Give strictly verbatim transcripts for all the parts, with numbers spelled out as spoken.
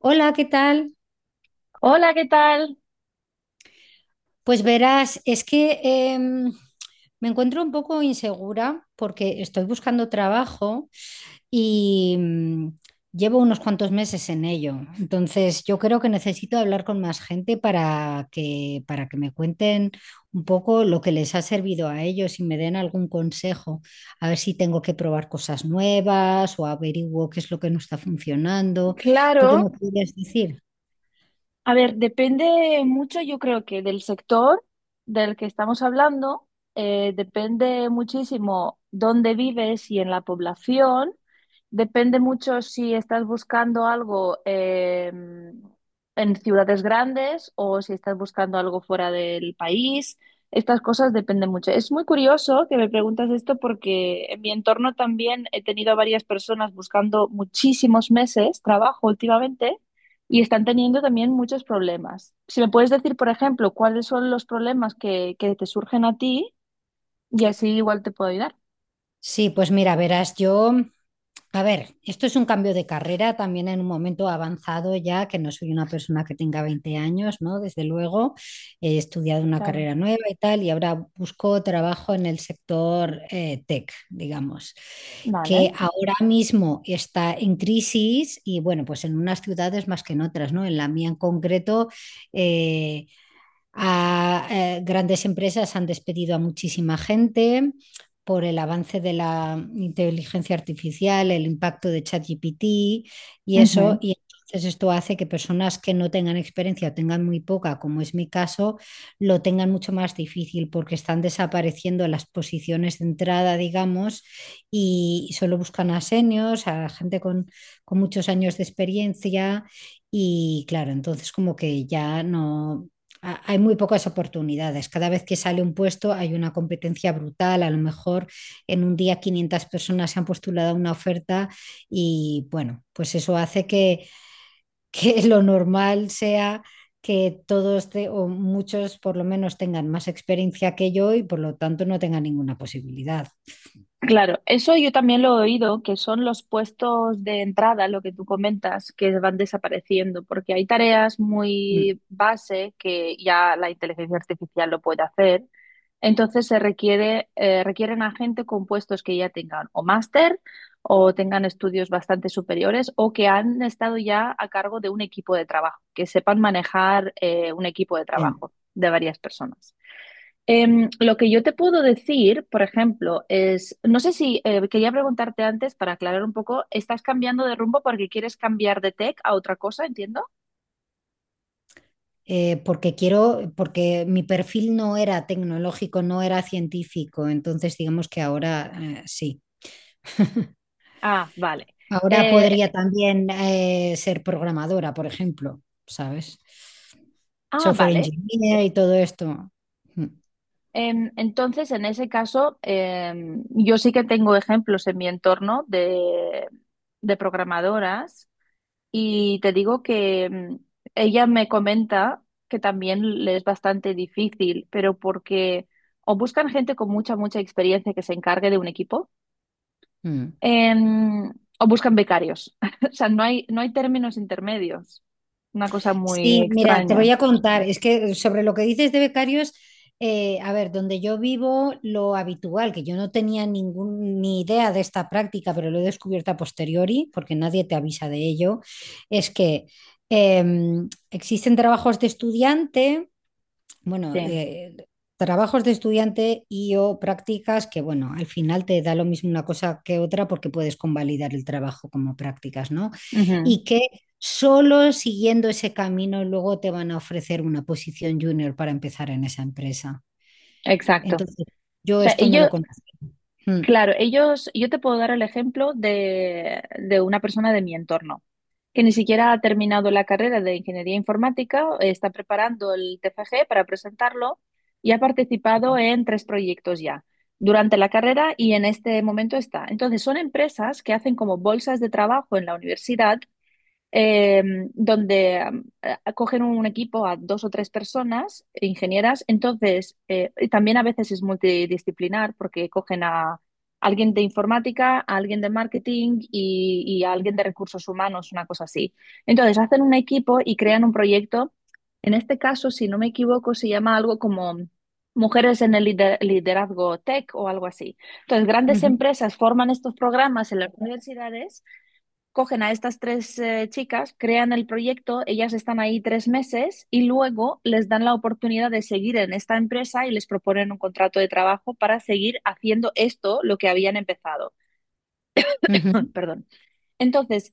Hola, ¿qué tal? Hola, ¿qué tal? Pues verás, es que em, me encuentro un poco insegura porque estoy buscando trabajo y mm, llevo unos cuantos meses en ello. Entonces, yo creo que necesito hablar con más gente para que, para que me cuenten un poco lo que les ha servido a ellos y me den algún consejo, a ver si tengo que probar cosas nuevas o averiguo qué es lo que no está funcionando. ¿Tú qué me Claro. podrías decir? A ver, depende mucho, yo creo que del sector del que estamos hablando, eh, depende muchísimo dónde vives y en la población, depende mucho si estás buscando algo eh, en ciudades grandes o si estás buscando algo fuera del país, estas cosas dependen mucho. Es muy curioso que me preguntas esto porque en mi entorno también he tenido a varias personas buscando muchísimos meses trabajo últimamente y están teniendo también muchos problemas. Si me puedes decir, por ejemplo, cuáles son los problemas que, que te surgen a ti y así igual te puedo ayudar. Sí, pues mira, verás, yo... A ver, esto es un cambio de carrera también en un momento avanzado ya, que no soy una persona que tenga veinte años, ¿no? Desde luego, he estudiado una Claro. carrera nueva y tal, y ahora busco trabajo en el sector eh, tech, digamos, Vale. que ahora mismo está en crisis y bueno, pues en unas ciudades más que en otras, ¿no? En la mía en concreto, eh, a, eh, grandes empresas han despedido a muchísima gente por el avance de la inteligencia artificial, el impacto de ChatGPT y Ujú. eso. Y entonces esto hace que personas que no tengan experiencia o tengan muy poca, como es mi caso, lo tengan mucho más difícil porque están desapareciendo las posiciones de entrada, digamos, y solo buscan a seniors, a gente con, con muchos años de experiencia. Y claro, entonces como que ya no, a- hay muy pocas oportunidades. Cada vez que sale un puesto hay una competencia brutal. A lo mejor en un día quinientas personas se han postulado a una oferta y bueno, pues eso hace que, que lo normal sea que todos te, o muchos por lo menos tengan más experiencia que yo y por lo tanto no tengan ninguna posibilidad. Claro, eso yo también lo he oído, que son los puestos de entrada, lo que tú comentas, que van desapareciendo, porque hay tareas Mm. muy base que ya la inteligencia artificial lo puede hacer. Entonces se requiere, eh, requieren a gente con puestos que ya tengan o máster o tengan estudios bastante superiores o que han estado ya a cargo de un equipo de trabajo, que sepan manejar eh, un equipo de Bien. trabajo de varias personas. Em, lo que yo te puedo decir, por ejemplo, es, no sé si eh, quería preguntarte antes para aclarar un poco, ¿estás cambiando de rumbo porque quieres cambiar de tech a otra cosa, entiendo? Eh, porque quiero, porque mi perfil no era tecnológico, no era científico, entonces digamos que ahora eh, sí. Ah, vale. Ahora Eh, podría también eh, ser programadora, por ejemplo, ¿sabes? ah, Software vale. engineer y todo esto. Mm. Em, Entonces, en ese caso, em, yo sí que tengo ejemplos en mi entorno de, de programadoras y te digo que em, ella me comenta que también le es bastante difícil, pero porque o buscan gente con mucha, mucha experiencia que se encargue de un equipo, Mm. em, o buscan becarios. O sea, no hay, no hay términos intermedios. Una cosa muy Sí, mira, te extraña. voy a contar, es que sobre lo que dices de becarios, eh, a ver, donde yo vivo, lo habitual, que yo no tenía ningún, ni idea de esta práctica, pero lo he descubierto a posteriori, porque nadie te avisa de ello, es que em, existen trabajos de estudiante bueno, Sí. eh, trabajos de estudiante y o prácticas que, bueno, al final te da lo mismo una cosa que otra porque puedes convalidar el trabajo como prácticas, ¿no? Ujú. Y que solo siguiendo ese camino luego te van a ofrecer una posición junior para empezar en esa empresa. Exacto. Entonces, yo O sea, esto no lo ellos, conozco. Mm. Claro, ellos, yo te puedo dar el ejemplo de, de una persona de mi entorno que ni siquiera ha terminado la carrera de ingeniería informática, eh, está preparando el T F G para presentarlo y ha participado en tres proyectos ya durante la carrera y en este momento está. Entonces, son empresas que hacen como bolsas de trabajo en la universidad eh, donde em, eh, cogen un equipo a dos o tres personas, ingenieras, entonces eh, y también a veces es multidisciplinar porque cogen a alguien de informática, a alguien de marketing y, y a alguien de recursos humanos, una cosa así. Entonces hacen un equipo y crean un proyecto. En este caso, si no me equivoco, se llama algo como Mujeres en el lider- liderazgo tech o algo así. Entonces, grandes Ujú. empresas forman estos programas en las universidades, cogen a estas tres eh, chicas, crean el proyecto, ellas están ahí tres meses y luego les dan la oportunidad de seguir en esta empresa y les proponen un contrato de trabajo para seguir haciendo esto, lo que habían empezado. Ujú. Perdón. Entonces,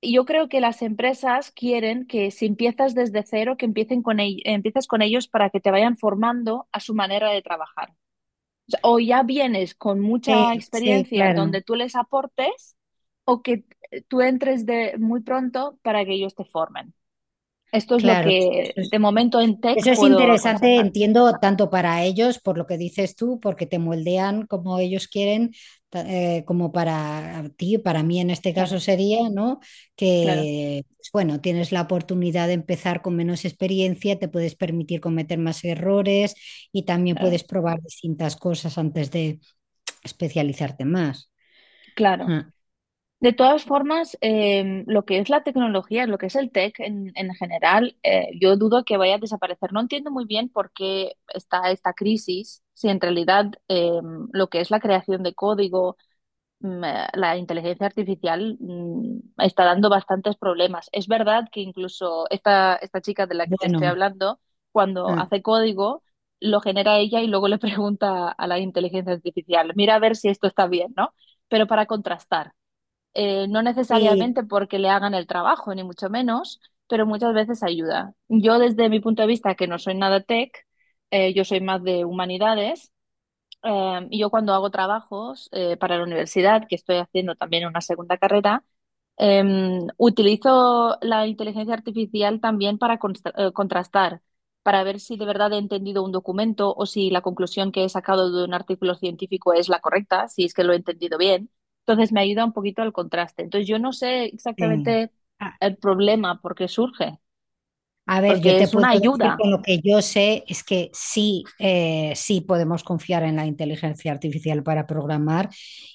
yo creo que las empresas quieren que si empiezas desde cero, que empiecen con, e- empiezas con ellos para que te vayan formando a su manera de trabajar o ya vienes con Sí, mucha sí, experiencia claro. donde tú les aportes o que eh, tú entres de muy pronto para que ellos te formen. Esto es lo Claro, sí, eso que de es. momento en tech Eso es puedo interesante, aconsejar. entiendo, tanto para ellos, por lo que dices tú, porque te moldean como ellos quieren, ta- eh, como para ti, para mí en este caso Claro, sería, ¿no? claro, Que, pues, bueno, tienes la oportunidad de empezar con menos experiencia, te puedes permitir cometer más errores y también claro, puedes probar distintas cosas antes de especializarte más. claro. Ajá. De todas formas, eh, lo que es la tecnología, lo que es el tech en, en general, eh, yo dudo que vaya a desaparecer. No entiendo muy bien por qué está esta crisis, si en realidad eh, lo que es la creación de código, mm, eh, la inteligencia artificial mm, está dando bastantes problemas. Es verdad que incluso esta, esta chica de la que te estoy Bueno, hablando, cuando ajá. hace código, lo genera ella y luego le pregunta a la inteligencia artificial, mira a ver si esto está bien, ¿no? Pero para contrastar, eh, no Sí, necesariamente porque le hagan el trabajo, ni mucho menos, pero muchas veces ayuda. Yo desde mi punto de vista, que no soy nada tech, eh, yo soy más de humanidades eh, y yo cuando hago trabajos eh, para la universidad, que estoy haciendo también una segunda carrera, eh, utilizo la inteligencia artificial también para consta- eh, contrastar, para ver si de verdad he entendido un documento o si la conclusión que he sacado de un artículo científico es la correcta, si es que lo he entendido bien. Entonces me ayuda un poquito al contraste. Entonces yo no sé sí. exactamente el problema por qué surge, A ver, yo porque te es puedo una decir ayuda. con lo que yo sé es que sí, eh, sí podemos confiar en la inteligencia artificial para programar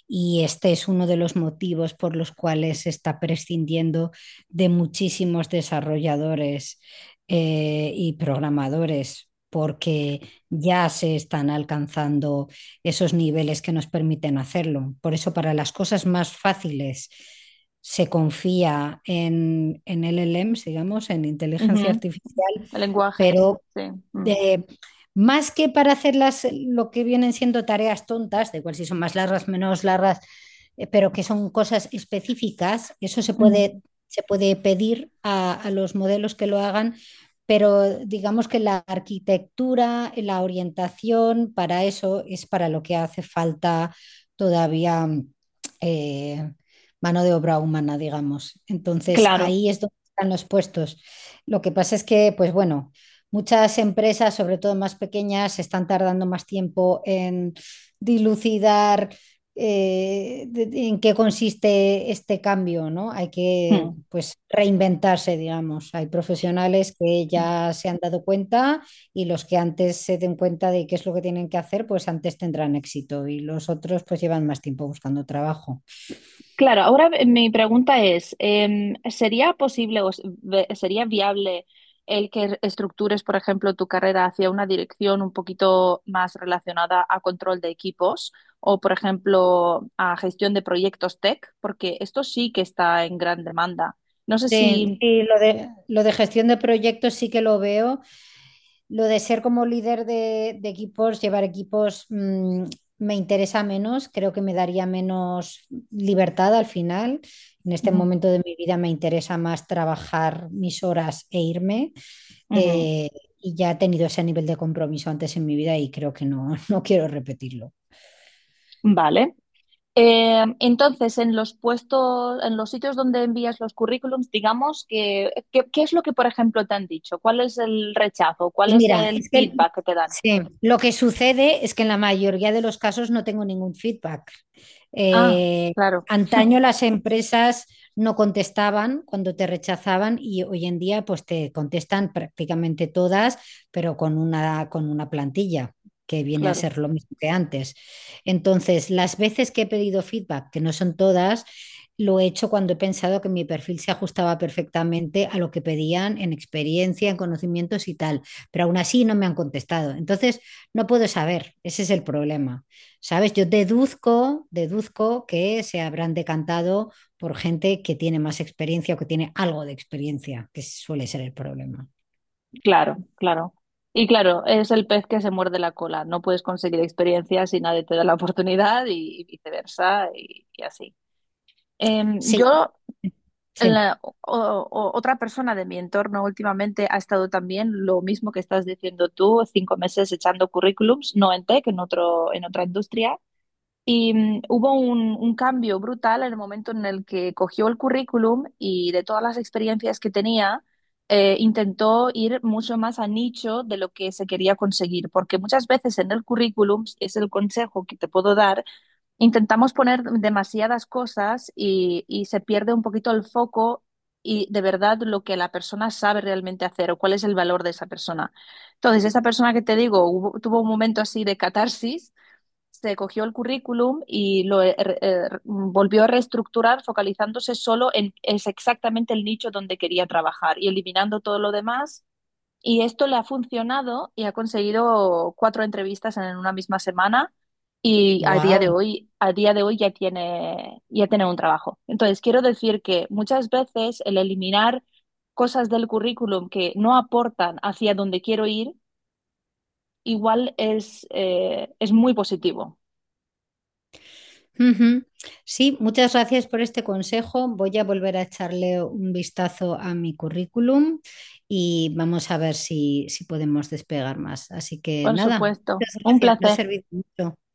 y este es uno de los motivos por los cuales se está prescindiendo de muchísimos desarrolladores eh, y programadores porque ya se están alcanzando esos niveles que nos permiten hacerlo. Por eso, para las cosas más fáciles se confía en, en L L Ms, digamos, en inteligencia Ujú. artificial, Lenguajes, pero sí. Mm. de, más que para hacer las, lo que vienen siendo tareas tontas, de igual si son más largas, menos largas, eh, pero que son cosas específicas, eso se Ujú. puede, se puede pedir a, a los modelos que lo hagan, pero digamos que la arquitectura, la orientación, para eso es para lo que hace falta todavía eh, mano de obra humana, digamos. Entonces, Claro. ahí es donde están los puestos. Lo que pasa es que, pues bueno, muchas empresas, sobre todo más pequeñas, están tardando más tiempo en dilucidar eh, de- de- en qué consiste este cambio, ¿no? Hay que, Mm. pues, reinventarse, digamos. Hay profesionales que Mm. ya se han dado cuenta y los que antes se den cuenta de qué es lo que tienen que hacer, pues antes tendrán éxito y los otros, pues, llevan más tiempo buscando trabajo. Claro, ahora eh, mi pregunta es, em, ¿sería posible o s- ve- sería viable el que re- estructures, por ejemplo, tu carrera hacia una dirección un poquito más relacionada a control de equipos o, por ejemplo, a gestión de proyectos tech? Porque esto sí que está en gran demanda. No sé Sí, si... y lo de, lo de gestión de proyectos sí que lo veo lo de ser como líder de, de equipos, llevar equipos, mmm, me interesa menos, creo que me daría menos libertad al final. En este Ujú, momento de mi vida me interesa más trabajar mis horas e irme. ujú. Eh, y ya he tenido ese nivel de compromiso antes en mi vida y creo que no, no quiero repetirlo. Vale. Eh, entonces, en los puestos, en los sitios donde envías los currículums, digamos que, que- ¿qué es lo que, por ejemplo, te han dicho? ¿Cuál es el rechazo? ¿Cuál Pues es mira, el es que feedback que te dan? sí, lo que sucede es que en la mayoría de los casos no tengo ningún feedback. Ah, Eh, claro, Antaño las empresas no contestaban cuando te rechazaban y hoy en día pues te contestan prácticamente todas, pero con una, con una plantilla que viene a claro, ser lo mismo que antes. Entonces, las veces que he pedido feedback, que no son todas, lo he hecho cuando he pensado que mi perfil se ajustaba perfectamente a lo que pedían en experiencia, en conocimientos y tal, pero aún así no me han contestado. Entonces, no puedo saber, ese es el problema. ¿Sabes? Yo deduzco, deduzco que se habrán decantado por gente que tiene más experiencia o que tiene algo de experiencia, que suele ser el problema. claro, claro. Y claro, es el pez que se muerde la cola. No puedes conseguir experiencia si nadie te da la oportunidad y, y viceversa y, y así. Em, Sí, yo sí. la- o- o- otra persona de mi entorno últimamente ha estado también lo mismo que estás diciendo tú, cinco meses echando currículums, no en tech, en otro, en otra industria. Y mm, hubo un, un cambio brutal en el momento en el que cogió el currículum y de todas las experiencias que tenía, eh, intentó ir mucho más a nicho de lo que se quería conseguir, porque muchas veces en el currículum es el consejo que te puedo dar. Intentamos poner demasiadas cosas y, y se pierde un poquito el foco y de verdad lo que la persona sabe realmente hacer o cuál es el valor de esa persona. Entonces, esa persona que te digo hubo- tuvo un momento así de catarsis, se cogió el currículum y lo eh, re- eh, volvió a reestructurar focalizándose solo en es exactamente el nicho donde quería trabajar y eliminando todo lo demás y esto le ha funcionado y ha conseguido cuatro entrevistas en una misma semana y a día de Wow. hoy, a día de hoy ya tiene, ya tiene un trabajo. Entonces, quiero decir que muchas veces el eliminar cosas del currículum que no aportan hacia donde quiero ir, igual es, eh, es muy positivo. Ujú. Sí, muchas gracias por este consejo. Voy a volver a echarle un vistazo a mi currículum y vamos a ver si, si podemos despegar más. Así que Por nada, supuesto. muchas Un gracias, me ha placer. servido mucho.